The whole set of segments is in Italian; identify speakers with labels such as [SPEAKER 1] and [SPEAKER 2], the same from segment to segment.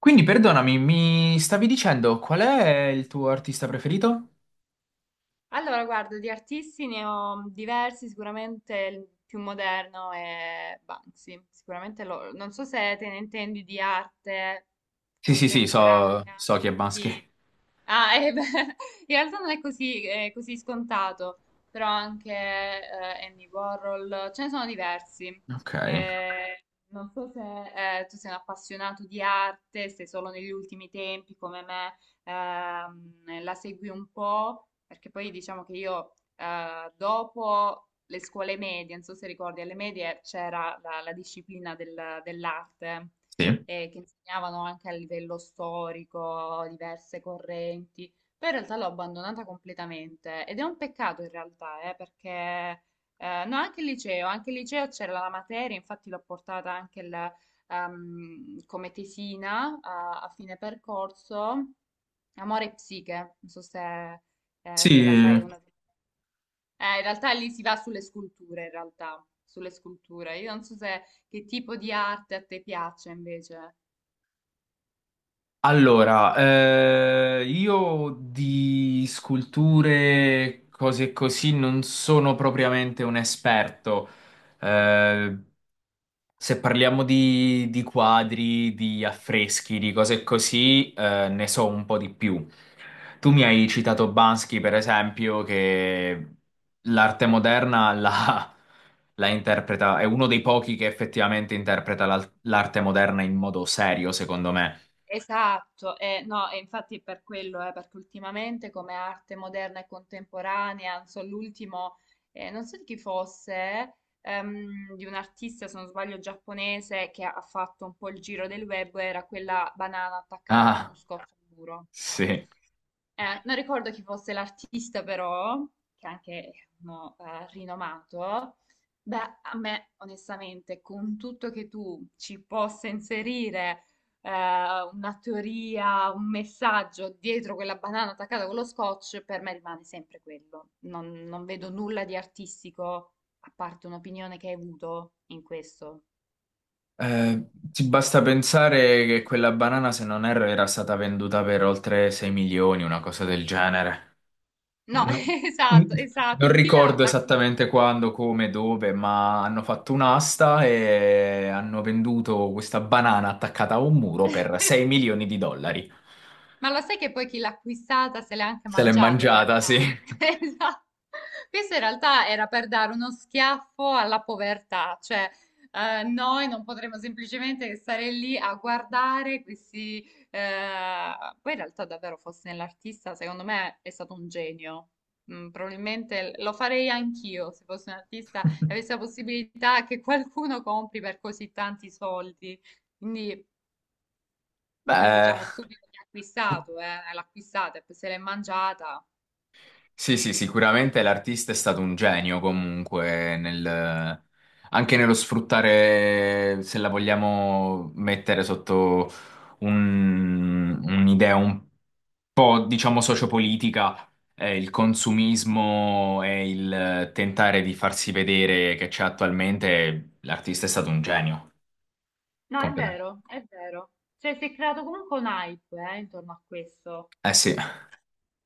[SPEAKER 1] Quindi perdonami, mi stavi dicendo qual è il tuo artista preferito?
[SPEAKER 2] Allora, guarda, di artisti ne ho diversi, sicuramente il più moderno è Banksy, sicuramente non so se te ne intendi di arte
[SPEAKER 1] Sì, sì, sì, so,
[SPEAKER 2] contemporanea.
[SPEAKER 1] so chi è Baschi.
[SPEAKER 2] Sì. Ah, beh, in realtà non è così, così scontato, però anche Andy Warhol, ce ne sono diversi.
[SPEAKER 1] Ok.
[SPEAKER 2] Eh, Non so se tu sei un appassionato di arte, se solo negli ultimi tempi come me la segui un po' perché poi diciamo che io dopo le scuole medie, non so se ricordi, alle medie c'era la disciplina dell'arte
[SPEAKER 1] Sì.
[SPEAKER 2] che insegnavano anche a livello storico diverse correnti, poi in realtà l'ho abbandonata completamente ed è un peccato in realtà, perché no, anche il liceo c'era la materia, infatti l'ho portata anche come tesina a fine percorso, Amore e psiche, non so se se la sai
[SPEAKER 1] Sì,
[SPEAKER 2] una... in realtà lì si va sulle sculture, in realtà, sulle sculture. Io non so se che tipo di arte a te piace invece.
[SPEAKER 1] io di sculture, cose così, non sono propriamente un esperto.
[SPEAKER 2] Mm.
[SPEAKER 1] Eh, Se parliamo di quadri, di affreschi, di cose così, ne so un po' di più. Tu mi hai citato Bansky, per esempio, che l'arte moderna la, la interpreta, è uno dei pochi che effettivamente interpreta l'arte moderna in modo serio, secondo me.
[SPEAKER 2] Esatto, no, e infatti è per quello, perché ultimamente come arte moderna e contemporanea, non so, l'ultimo, non so di chi fosse, di un artista, se non sbaglio, giapponese che ha fatto un po' il giro del web, era quella banana attaccata con uno
[SPEAKER 1] Ah,
[SPEAKER 2] scotch al muro.
[SPEAKER 1] sì.
[SPEAKER 2] Non ricordo chi fosse l'artista, però, che anche no, rinomato. Beh, a me, onestamente, con tutto che tu ci possa inserire eh, una teoria, un messaggio dietro quella banana attaccata con lo scotch, per me rimane sempre quello. Non, non vedo nulla di artistico, a parte un'opinione che hai avuto in questo.
[SPEAKER 1] Ti basta pensare che quella banana, se non erro, era stata venduta per oltre 6 milioni, una cosa del genere.
[SPEAKER 2] No,
[SPEAKER 1] No,
[SPEAKER 2] esatto, esatto.
[SPEAKER 1] non
[SPEAKER 2] Chi l'ha
[SPEAKER 1] ricordo
[SPEAKER 2] l'ha
[SPEAKER 1] esattamente quando, come, dove, ma hanno fatto un'asta e hanno venduto questa banana attaccata a un muro per 6 milioni di dollari.
[SPEAKER 2] Ma lo sai che poi chi l'ha acquistata se l'è anche
[SPEAKER 1] Se l'è
[SPEAKER 2] mangiata in
[SPEAKER 1] mangiata, sì.
[SPEAKER 2] realtà? Esatto. Questo in realtà era per dare uno schiaffo alla povertà, cioè noi non potremmo semplicemente stare lì a guardare questi... eh, Poi in realtà davvero fosse nell'artista, secondo me è stato un genio. Mm, probabilmente lo farei anch'io se fossi un artista e avessi la possibilità che qualcuno compri per così tanti soldi. Quindi poi
[SPEAKER 1] Beh,
[SPEAKER 2] diciamo stupido chi ha acquistato, l'ha acquistata e poi se l'è mangiata.
[SPEAKER 1] sì, sì, sicuramente l'artista è stato un genio comunque nel... anche nello sfruttare, se la vogliamo mettere sotto un'idea un po', diciamo, sociopolitica, il consumismo e il tentare di farsi vedere che c'è attualmente, l'artista è stato un genio.
[SPEAKER 2] No, è
[SPEAKER 1] Completamente.
[SPEAKER 2] vero, è vero. Cioè, si è creato comunque un hype, intorno a questo.
[SPEAKER 1] Eh sì,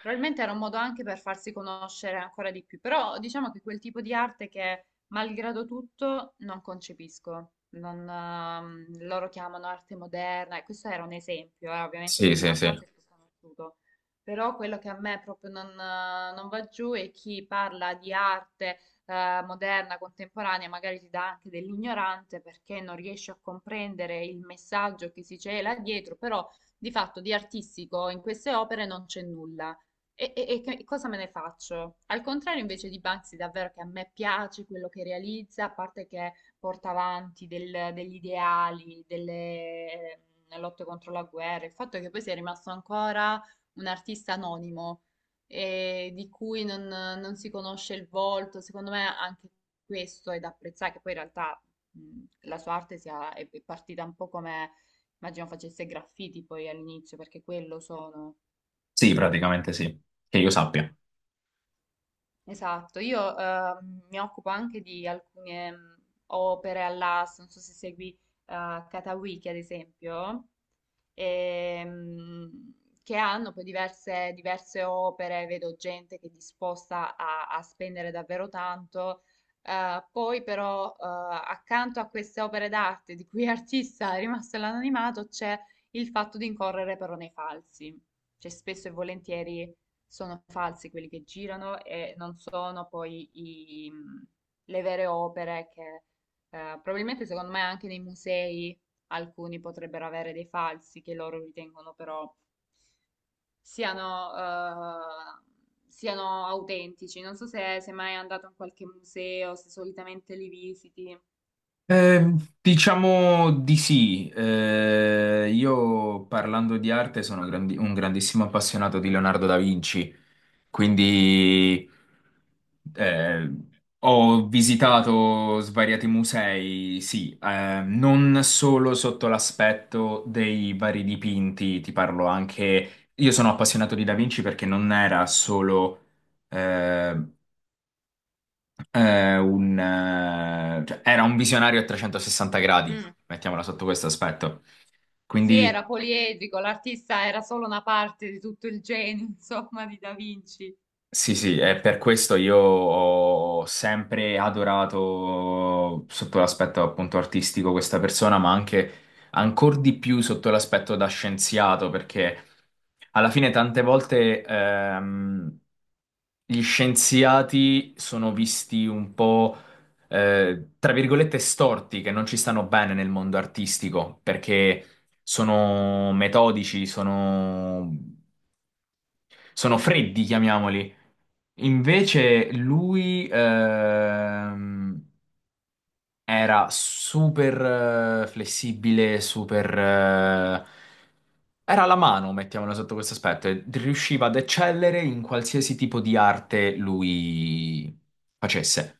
[SPEAKER 2] Probabilmente era un modo anche per farsi conoscere ancora di più, però diciamo che quel tipo di arte che, malgrado tutto, non concepisco. Non, loro chiamano arte moderna, e questo era un esempio, ovviamente il
[SPEAKER 1] sì,
[SPEAKER 2] più
[SPEAKER 1] sì, sì.
[SPEAKER 2] lampante e più conosciuto. Però quello che a me proprio non, non va giù è chi parla di arte, moderna, contemporanea, magari ti dà anche dell'ignorante perché non riesce a comprendere il messaggio che si cela dietro, però di fatto di artistico in queste opere non c'è nulla. E, e cosa me ne faccio? Al contrario invece di Banksy, davvero che a me piace quello che realizza, a parte che porta avanti degli ideali, delle lotte contro la guerra, il fatto è che poi sia rimasto ancora un artista anonimo, di cui non, non si conosce il volto, secondo me anche questo è da apprezzare, che poi in realtà la sua arte è partita un po' come, immagino facesse graffiti poi all'inizio, perché quello sono.
[SPEAKER 1] Sì, praticamente sì. Che io sappia.
[SPEAKER 2] Esatto, io mi occupo anche di alcune opere all'asta, non so se segui Katawiki ad esempio ehm, che hanno poi diverse opere, vedo gente che è disposta a spendere davvero tanto. Poi però accanto a queste opere d'arte di cui artista è rimasto l'anonimato c'è il fatto di incorrere però nei falsi, cioè spesso e volentieri sono falsi quelli che girano e non sono poi le vere opere che probabilmente secondo me anche nei musei alcuni potrebbero avere dei falsi che loro ritengono però siano, siano autentici. Non so se sei mai andato in qualche museo, se solitamente li visiti.
[SPEAKER 1] Eh, diciamo di sì. Io parlando di arte sono un grandissimo appassionato di Leonardo da Vinci,
[SPEAKER 2] Mm.
[SPEAKER 1] quindi eh, ho visitato svariati musei, sì, non solo sotto l'aspetto dei vari dipinti, ti parlo anche... Io sono appassionato di Da Vinci perché non era solo eh, cioè, era un visionario a 360 gradi,
[SPEAKER 2] Mm.
[SPEAKER 1] mettiamola sotto questo aspetto.
[SPEAKER 2] Sì,
[SPEAKER 1] Quindi
[SPEAKER 2] era poliedrico, l'artista era solo una parte di tutto il genio, insomma, di Da Vinci.
[SPEAKER 1] sì, sì, e per questo io ho sempre adorato sotto l'aspetto appunto artistico questa persona, ma anche ancora di più sotto l'aspetto da scienziato, perché alla fine tante volte gli scienziati sono visti un po' tra virgolette storti, che non ci stanno bene nel mondo artistico, perché sono metodici, sono, sono freddi, chiamiamoli. Invece lui era super flessibile, super... era la mano, mettiamola sotto questo aspetto, e riusciva ad eccellere in qualsiasi tipo di arte lui facesse.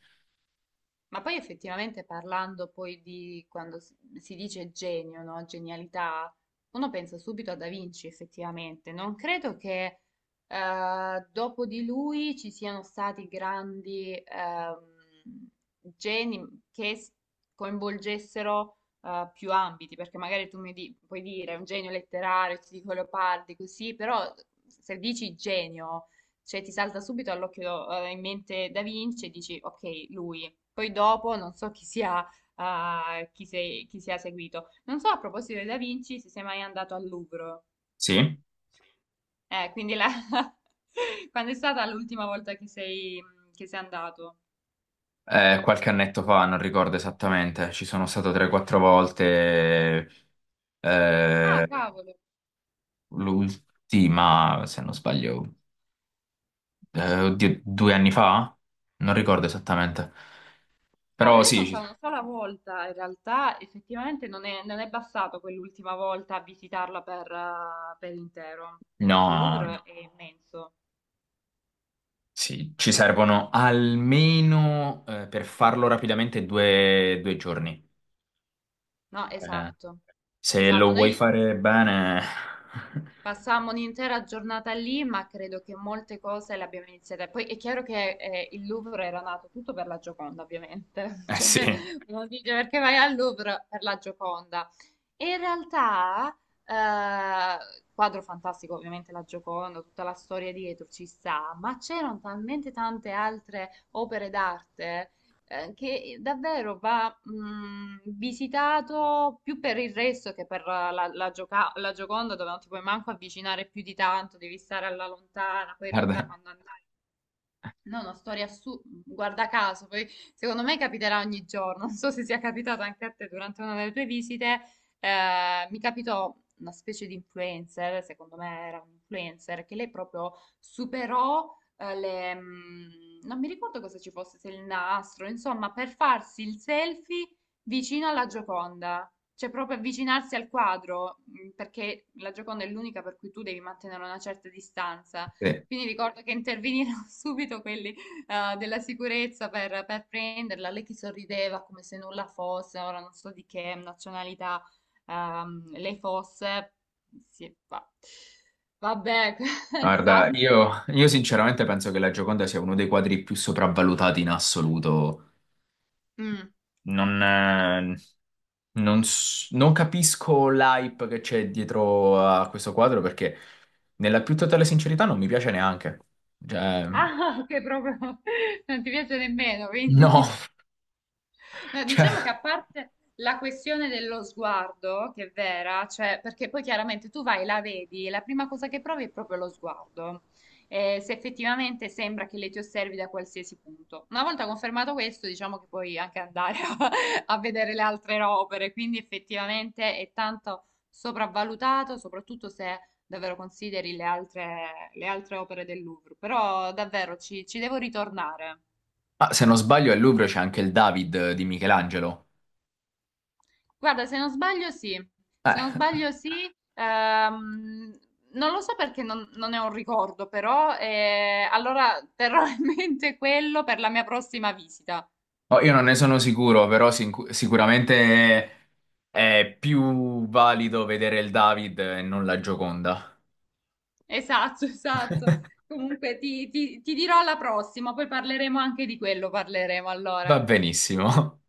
[SPEAKER 2] Ma poi effettivamente parlando poi di quando si dice genio, no? Genialità, uno pensa subito a Da Vinci effettivamente. Non credo che dopo di lui ci siano stati grandi geni che coinvolgessero più ambiti, perché magari tu puoi dire un genio letterario, ti dico Leopardi, così, però se dici genio, cioè ti salta subito all'occhio, in mente Da Vinci e dici ok, lui. Poi dopo non so chi sia, chi sia seguito. Non so a proposito di Da Vinci se sei mai andato al Louvre.
[SPEAKER 1] Sì.
[SPEAKER 2] Quindi quando è stata l'ultima volta che che sei andato?
[SPEAKER 1] Qualche annetto fa, non ricordo esattamente, ci sono stato 3-4 volte,
[SPEAKER 2] Ah,
[SPEAKER 1] eh,
[SPEAKER 2] cavolo.
[SPEAKER 1] l'ultima, se non sbaglio, eh, oddio, due anni fa? Non ricordo esattamente.
[SPEAKER 2] Cavolo,
[SPEAKER 1] Però
[SPEAKER 2] io
[SPEAKER 1] sì,
[SPEAKER 2] sono stata una sola volta, in realtà effettivamente non è, non è bastato quell'ultima volta a visitarla per intero, perché il
[SPEAKER 1] no,
[SPEAKER 2] Louvre è immenso.
[SPEAKER 1] sì, ci servono almeno per farlo rapidamente due giorni.
[SPEAKER 2] No,
[SPEAKER 1] Eh,
[SPEAKER 2] esatto.
[SPEAKER 1] se
[SPEAKER 2] Esatto,
[SPEAKER 1] lo vuoi
[SPEAKER 2] noi
[SPEAKER 1] fare bene,
[SPEAKER 2] passammo un'intera giornata lì, ma credo che molte cose le abbiamo iniziate. Poi è chiaro che il Louvre era nato tutto per la Gioconda, ovviamente.
[SPEAKER 1] eh
[SPEAKER 2] Cioè, uno dice perché vai al Louvre per la Gioconda. E in realtà, eh, quadro fantastico, ovviamente la Gioconda, tutta la storia dietro ci sta, ma c'erano talmente tante altre opere d'arte che davvero va visitato più per il resto che per la la Gioconda, dove non ti puoi manco avvicinare più di tanto, devi stare alla lontana. Poi in realtà
[SPEAKER 1] guarda,
[SPEAKER 2] quando andai no, una storia assurda, guarda caso, poi secondo me capiterà ogni giorno, non so se sia capitato anche a te durante una delle tue visite, mi capitò una specie di influencer, secondo me era un influencer, che lei proprio superò le... mm, non mi ricordo cosa ci fosse, se il nastro, insomma, per farsi il selfie vicino alla Gioconda, cioè proprio avvicinarsi al quadro, mm, perché la Gioconda è l'unica per cui tu devi mantenere una certa distanza.
[SPEAKER 1] sì.
[SPEAKER 2] Quindi ricordo che intervenirono subito quelli della sicurezza per prenderla. Lei che sorrideva come se nulla fosse, ora non so di che nazionalità lei fosse. Sì, vabbè, questa...
[SPEAKER 1] Guarda, io sinceramente penso che la Gioconda sia uno dei quadri più sopravvalutati in assoluto.
[SPEAKER 2] Mm.
[SPEAKER 1] Non. eh, Non capisco l'hype che c'è dietro a questo quadro perché, nella più totale sincerità, non mi piace neanche. Cioè,
[SPEAKER 2] Ah, che proprio non ti piace nemmeno,
[SPEAKER 1] no,
[SPEAKER 2] quindi. No,
[SPEAKER 1] cioè,
[SPEAKER 2] diciamo che a parte la questione dello sguardo, che è vera, cioè, perché poi chiaramente tu vai, la vedi, e la prima cosa che provi è proprio lo sguardo. Se effettivamente sembra che lei ti osservi da qualsiasi punto. Una volta confermato questo, diciamo che puoi anche andare a, a vedere le altre opere, quindi effettivamente è tanto sopravvalutato, soprattutto se davvero consideri le altre opere del Louvre. Però davvero ci devo ritornare.
[SPEAKER 1] ah, se non sbaglio, al Louvre c'è anche il David di Michelangelo.
[SPEAKER 2] Guarda, se non sbaglio sì, se non
[SPEAKER 1] Eh,
[SPEAKER 2] sbaglio sì, ehm, non lo so perché non, non è un ricordo, però allora terrò in mente quello per la mia prossima visita.
[SPEAKER 1] oh, io non ne sono sicuro, però sicuramente è più valido vedere il David e non la Gioconda.
[SPEAKER 2] Esatto, esatto. Comunque ti dirò alla prossima, poi parleremo anche di quello, parleremo
[SPEAKER 1] Va
[SPEAKER 2] allora.
[SPEAKER 1] benissimo.